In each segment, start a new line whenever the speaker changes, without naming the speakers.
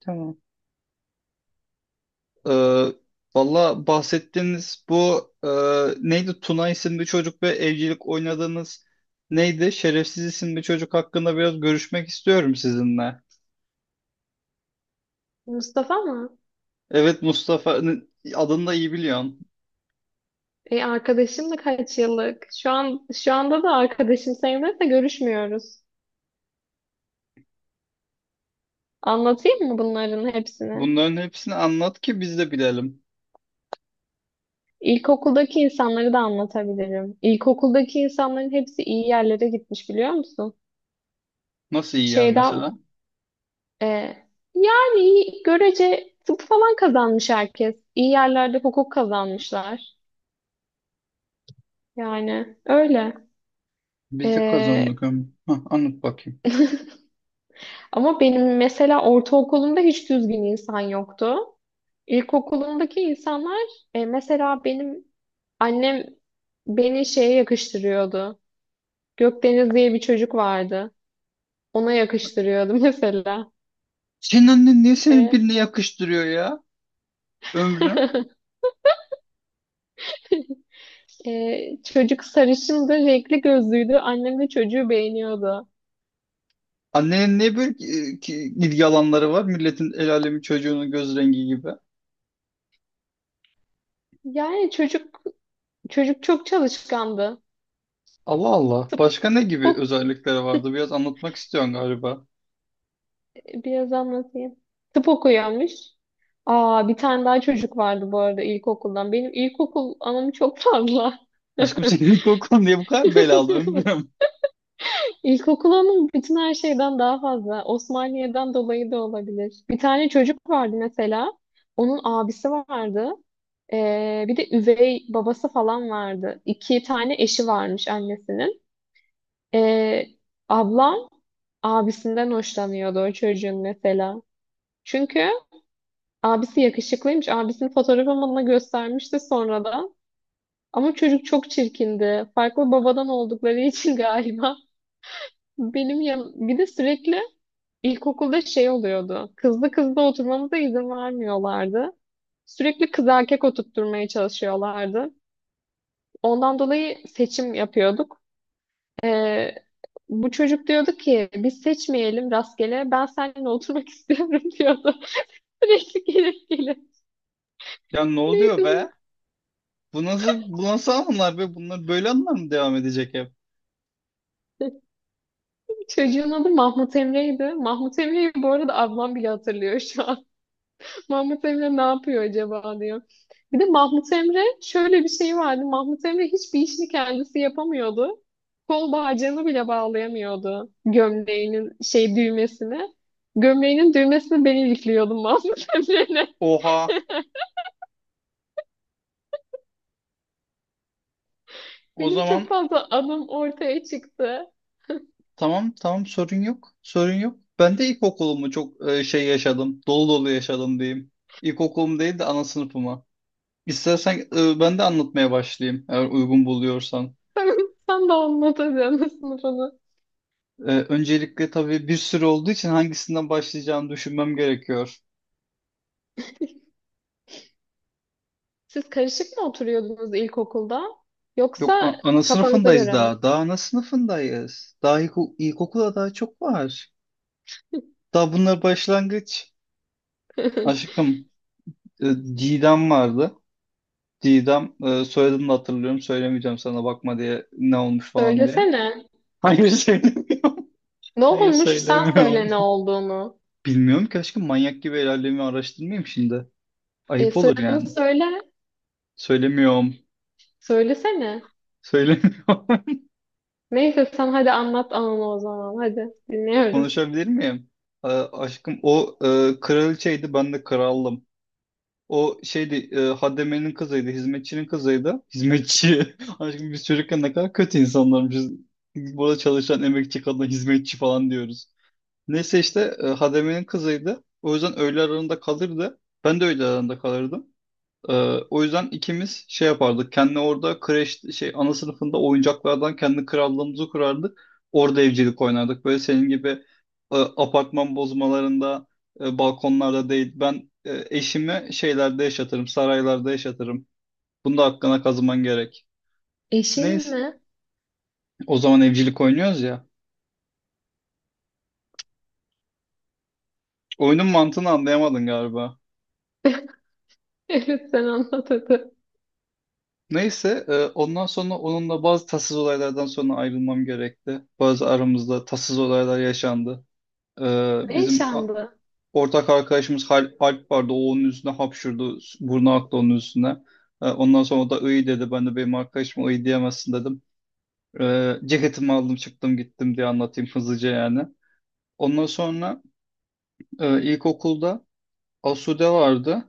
Tamam. Ee, Valla bahsettiğiniz bu neydi? Tuna isimli çocuk ve evcilik oynadığınız neydi? Şerefsiz isimli çocuk hakkında biraz görüşmek istiyorum sizinle.
Mustafa mı?
Evet Mustafa adını da iyi biliyorsun.
Arkadaşım da kaç yıllık. Şu anda da arkadaşım sayılır da görüşmüyoruz. Anlatayım mı bunların hepsini?
Bunların hepsini anlat ki biz de bilelim.
İlkokuldaki insanları da anlatabilirim. İlkokuldaki insanların hepsi iyi yerlere gitmiş, biliyor musun?
Nasıl yiyor
Şeyden
mesela?
e, Yani görece tıp falan kazanmış herkes. İyi yerlerde hukuk kazanmışlar. Yani öyle.
Biz de
E,
kazandık ömrü. Hah, anlat bakayım.
Ama benim mesela ortaokulumda hiç düzgün insan yoktu. İlkokulumdaki insanlar, mesela benim annem beni şeye yakıştırıyordu. Gökdeniz diye bir çocuk vardı. Ona yakıştırıyordu mesela.
Senin annen niye seni
E,
birine yakıştırıyor ya ömrü?
çocuk sarışındı, renkli gözlüydü. Annem de çocuğu beğeniyordu.
Annenin niye böyle ilgi alanları var? Milletin el alemin çocuğunun göz rengi gibi.
Yani çocuk çok çalışkandı.
Allah Allah.
Tıp,
Başka ne
tıp
gibi
ok,
özellikleri vardı? Biraz anlatmak istiyorsun galiba.
biraz anlatayım. Tıp okuyormuş. Aa, bir tane daha çocuk vardı bu arada ilkokuldan. Benim ilkokul anım çok fazla.
Aşkım senin ilk okulun diye bu kadar belalı ömrüm.
İlkokul ama bütün her şeyden daha fazla. Osmaniye'den dolayı da olabilir. Bir tane çocuk vardı mesela. Onun abisi vardı. Bir de üvey babası falan vardı. İki tane eşi varmış annesinin. Ee, ablam abisinden hoşlanıyordu o çocuğun mesela. Çünkü abisi yakışıklıymış. Abisinin fotoğrafını bana göstermişti sonradan. Ama çocuk çok çirkindi. Farklı babadan oldukları için galiba. Benim yan... Bir de sürekli İlkokulda şey oluyordu. Kızlı kızlı oturmamıza izin vermiyorlardı. Sürekli kız erkek oturtturmaya çalışıyorlardı. Ondan dolayı seçim yapıyorduk. Ee, bu çocuk diyordu ki biz seçmeyelim rastgele, ben seninle oturmak istiyorum diyordu. Sürekli gelip gelip.
Ya ne oluyor
Neydi bu?
be? Bu nasıl, bu nasıl anılar be? Bunlar böyle anılar mı devam edecek hep?
Çocuğun adı Mahmut Emre'ydi. Mahmut Emre'yi bu arada ablam bile hatırlıyor şu an. Mahmut Emre ne yapıyor acaba diyor. Bir de Mahmut Emre şöyle bir şey vardı. Mahmut Emre hiçbir işini kendisi yapamıyordu. Kol bağcığını bile bağlayamıyordu, gömleğinin şey düğmesine. Gömleğinin düğmesini ben ilikliyordum Mahmut Emre'yle.
Oha. O
Benim çok
zaman
fazla adım ortaya çıktı.
tamam tamam sorun yok. Sorun yok. Ben de ilkokulumu çok şey yaşadım. Dolu dolu yaşadım diyeyim. İlkokulum değil de ana sınıfıma. İstersen ben de anlatmaya başlayayım eğer uygun buluyorsan.
Sen, sen de anlatacaksın sınıfını.
Öncelikle tabii bir sürü olduğu için hangisinden başlayacağımı düşünmem gerekiyor.
Siz karışık mı oturuyordunuz ilkokulda?
Yok
Yoksa
ana
kafanıza
sınıfındayız
göre mi?
daha. Daha ana sınıfındayız. Daha ilkokulda daha çok var. Daha bunlar başlangıç. Aşkım e, Didem vardı. Didem soyadını da hatırlıyorum. Söylemeyeceğim sana bakma diye ne olmuş falan diye.
Söylesene.
Hayır söyle.
Ne
Hayır
olmuş? Sen
söylemiyorum.
söyle ne olduğunu.
Bilmiyorum ki aşkım manyak gibi ilerlemi araştırmayayım şimdi. Ayıp olur
Soyadını
yani.
söyle.
Söylemiyorum.
Söylesene.
Söylemiyorum.
Neyse sen hadi anlat ananı o zaman. Hadi dinliyorum.
Konuşabilir miyim? Aşkım o kraliçeydi ben de kraldım. O şeydi Hademe'nin kızıydı, hizmetçinin kızıydı. Hizmetçi. Aşkım biz çocukken ne kadar kötü insanlarmışız. Burada çalışan emekçi kadına hizmetçi falan diyoruz. Neyse işte Hademe'nin kızıydı. O yüzden öğle aralarında kalırdı. Ben de öğle aralarında kalırdım. Ee, O yüzden ikimiz şey yapardık. Kendi orada kreş şey ana sınıfında oyuncaklardan kendi krallığımızı kurardık. Orada evcilik oynardık. Böyle senin gibi apartman bozmalarında, balkonlarda değil. Ben eşimi şeylerde yaşatırım, saraylarda yaşatırım. Bunda hakkına kazıman gerek.
Eşin
Neyse.
mi?
O zaman evcilik oynuyoruz ya. Oyunun mantığını anlayamadın galiba.
Evet, sen anlat hadi.
Neyse, ondan sonra onunla bazı tatsız olaylardan sonra ayrılmam gerekti. Bazı aramızda tatsız olaylar yaşandı.
Ne
Bizim
yaşandı?
ortak arkadaşımız Alp vardı. O onun üstüne hapşurdu. Burnu aktı onun üstüne. Ondan sonra o da iyi dedi. Ben de benim arkadaşıma iyi diyemezsin dedim. Ceketimi aldım çıktım gittim diye anlatayım hızlıca yani. Ondan sonra ilkokulda Asude vardı.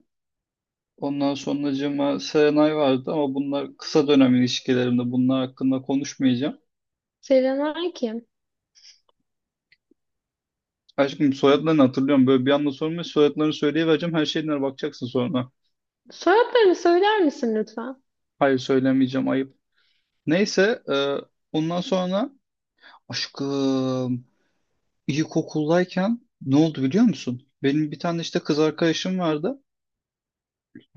Ondan sonracığıma Serenay vardı ama bunlar kısa dönem ilişkilerimde bunlar hakkında konuşmayacağım.
Selenay kim?
Aşkım soyadlarını hatırlıyorum. Böyle bir anda sormayı soyadlarını söyleyivereceğim. Her şeyine bakacaksın sonra.
Soyadlarını söyler misin lütfen?
Hayır söylemeyeceğim. Ayıp. Neyse ondan sonra aşkım ilkokuldayken ne oldu biliyor musun? Benim bir tane işte kız arkadaşım vardı.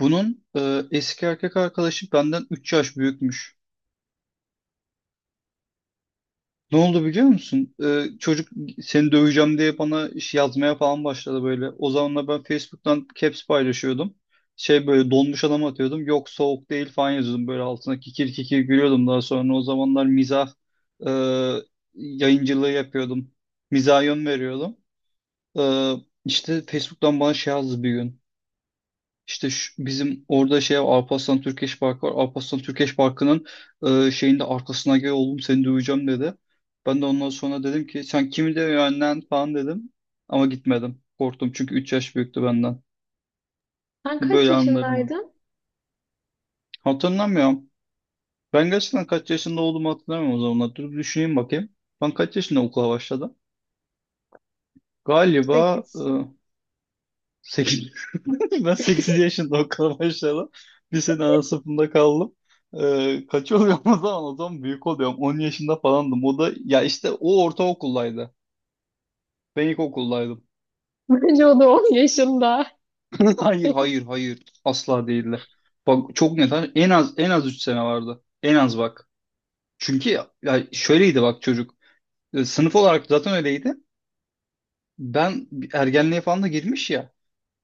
Bunun eski erkek arkadaşı benden 3 yaş büyükmüş. Ne oldu biliyor musun? Çocuk seni döveceğim diye bana iş yazmaya falan başladı böyle. O zamanlar ben Facebook'tan caps paylaşıyordum. Şey böyle donmuş adam atıyordum. Yok soğuk değil falan yazıyordum böyle altına kikir kikir gülüyordum daha sonra. O zamanlar mizah e, yayıncılığı yapıyordum. Mizaha yön veriyordum. Ee, işte Facebook'tan bana şey yazdı bir gün. İşte bizim orada şey var, Alparslan Türkeş Parkı var. Alparslan Türkeş Parkı'nın şeyin de arkasına gel oğlum seni duyacağım dedi. Ben de ondan sonra dedim ki sen kimi dövüyorsun lan falan dedim. Ama gitmedim. Korktum çünkü 3 yaş büyüktü benden.
Sen kaç
Böyle anlar mı?
yaşındaydın?
Hatırlamıyorum. Ben gerçekten kaç yaşında olduğumu hatırlamıyorum o zamanlar. Dur düşüneyim bakayım. Ben kaç yaşında okula başladım? Galiba
Sekiz.
8. Ben 8 yaşında okula başladım. Bir sene ana sınıfında kaldım. Kaç oluyorum o zaman? O zaman büyük oluyorum. 10 yaşında falandım. O da ya işte o ortaokuldaydı. Ben ilkokuldaydım.
Bence o da 10 yaşında.
Hayır hayır hayır. Asla değildi. Bak çok net. En az en az 3 sene vardı. En az bak. Çünkü ya şöyleydi bak çocuk. Sınıf olarak zaten öyleydi. Ben ergenliğe falan da girmiş ya.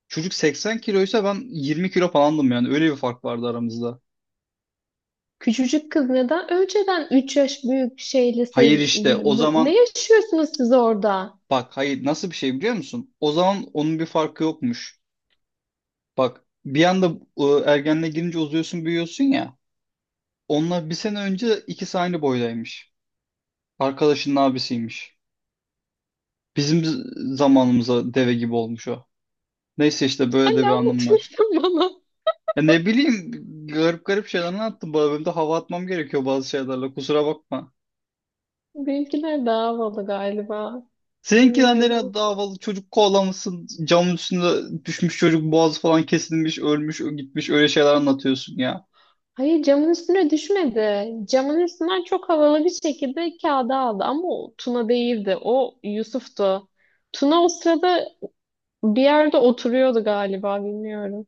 Çocuk 80 kiloysa ben 20 kilo falandım yani. Öyle bir fark vardı aramızda.
Küçücük kız neden önceden 3 yaş büyük şeyle
Hayır işte
sevgili?
o
Bu- ne
zaman
yaşıyorsunuz siz orada?
bak hayır nasıl bir şey biliyor musun? O zaman onun bir farkı yokmuş. Bak bir anda ergenliğe girince uzuyorsun büyüyorsun ya. Onunla bir sene önce ikisi aynı boydaymış. Arkadaşının abisiymiş. Bizim zamanımıza deve gibi olmuş o. Neyse işte
Sen
böyle de
ne
bir anım var.
anlatıyorsun bana?
Ya ne bileyim garip garip şeyler anlattım. Bu bölümde hava atmam gerekiyor bazı şeylerle kusura bakma.
Benimkiler daha havalı galiba.
Seninkiler nereye
Bilmiyorum.
davalı çocuk kovalamışsın camın üstünde düşmüş çocuk boğazı falan kesilmiş ölmüş gitmiş öyle şeyler anlatıyorsun ya.
Hayır, camın üstüne düşmedi. Camın üstünden çok havalı bir şekilde kağıda aldı, ama o Tuna değildi. O Yusuf'tu. Tuna o sırada bir yerde oturuyordu galiba, bilmiyorum.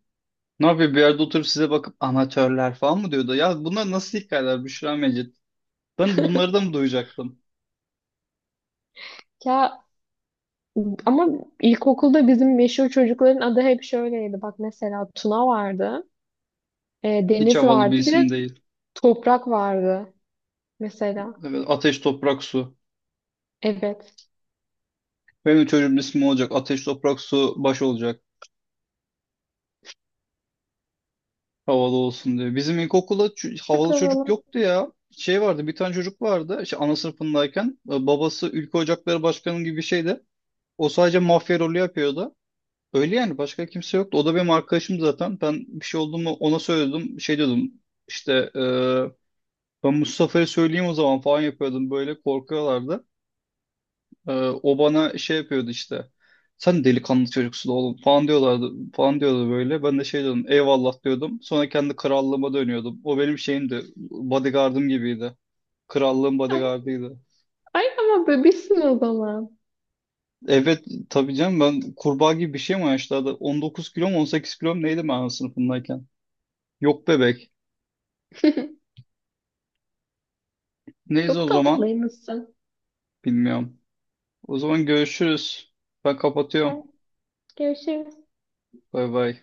Ne yapıyor bir yerde oturup size bakıp amatörler falan mı diyordu? Ya bunlar nasıl hikayeler Büşra Mecit? Ben bunları da mı duyacaktım?
Ya ama ilkokulda bizim meşhur çocukların adı hep şöyleydi. Bak mesela Tuna vardı,
Hiç
Deniz
havalı bir
vardı, bir de
isim değil.
Toprak vardı mesela.
Evet, Ateş Toprak Su.
Evet.
Benim çocuğumun ismi olacak. Ateş Toprak Su baş olacak. Havalı olsun diye. Bizim ilkokulda
Çok
havalı çocuk
havalı.
yoktu ya şey vardı bir tane çocuk vardı işte ana sınıfındayken babası Ülke Ocakları Başkanı gibi bir şeydi. O sadece mafya rolü yapıyordu. Öyle yani başka kimse yoktu. O da benim arkadaşım zaten. Ben bir şey oldu mu ona söyledim. Şey diyordum işte ben Mustafa'ya söyleyeyim o zaman falan yapıyordum. Böyle korkuyorlardı. E, O bana şey yapıyordu işte. Sen delikanlı çocuksun oğlum falan diyorlardı. Falan diyordu böyle. Ben de şey diyordum eyvallah diyordum. Sonra kendi krallığıma dönüyordum. O benim şeyimdi. Bodyguardım gibiydi. Krallığın
Ama-
bodyguardıydı.
ay ama bebişsin o zaman.
Evet tabii canım ben kurbağa gibi bir şey mi yaşlarda 19 kilo mu 18 kilo mu neydi ben sınıfındayken? Yok bebek. Neyse o
Çok
zaman
tatlıymışsın.
bilmiyorum. O zaman görüşürüz. Ben
Hadi
kapatıyorum.
görüşürüz.
Bay bay.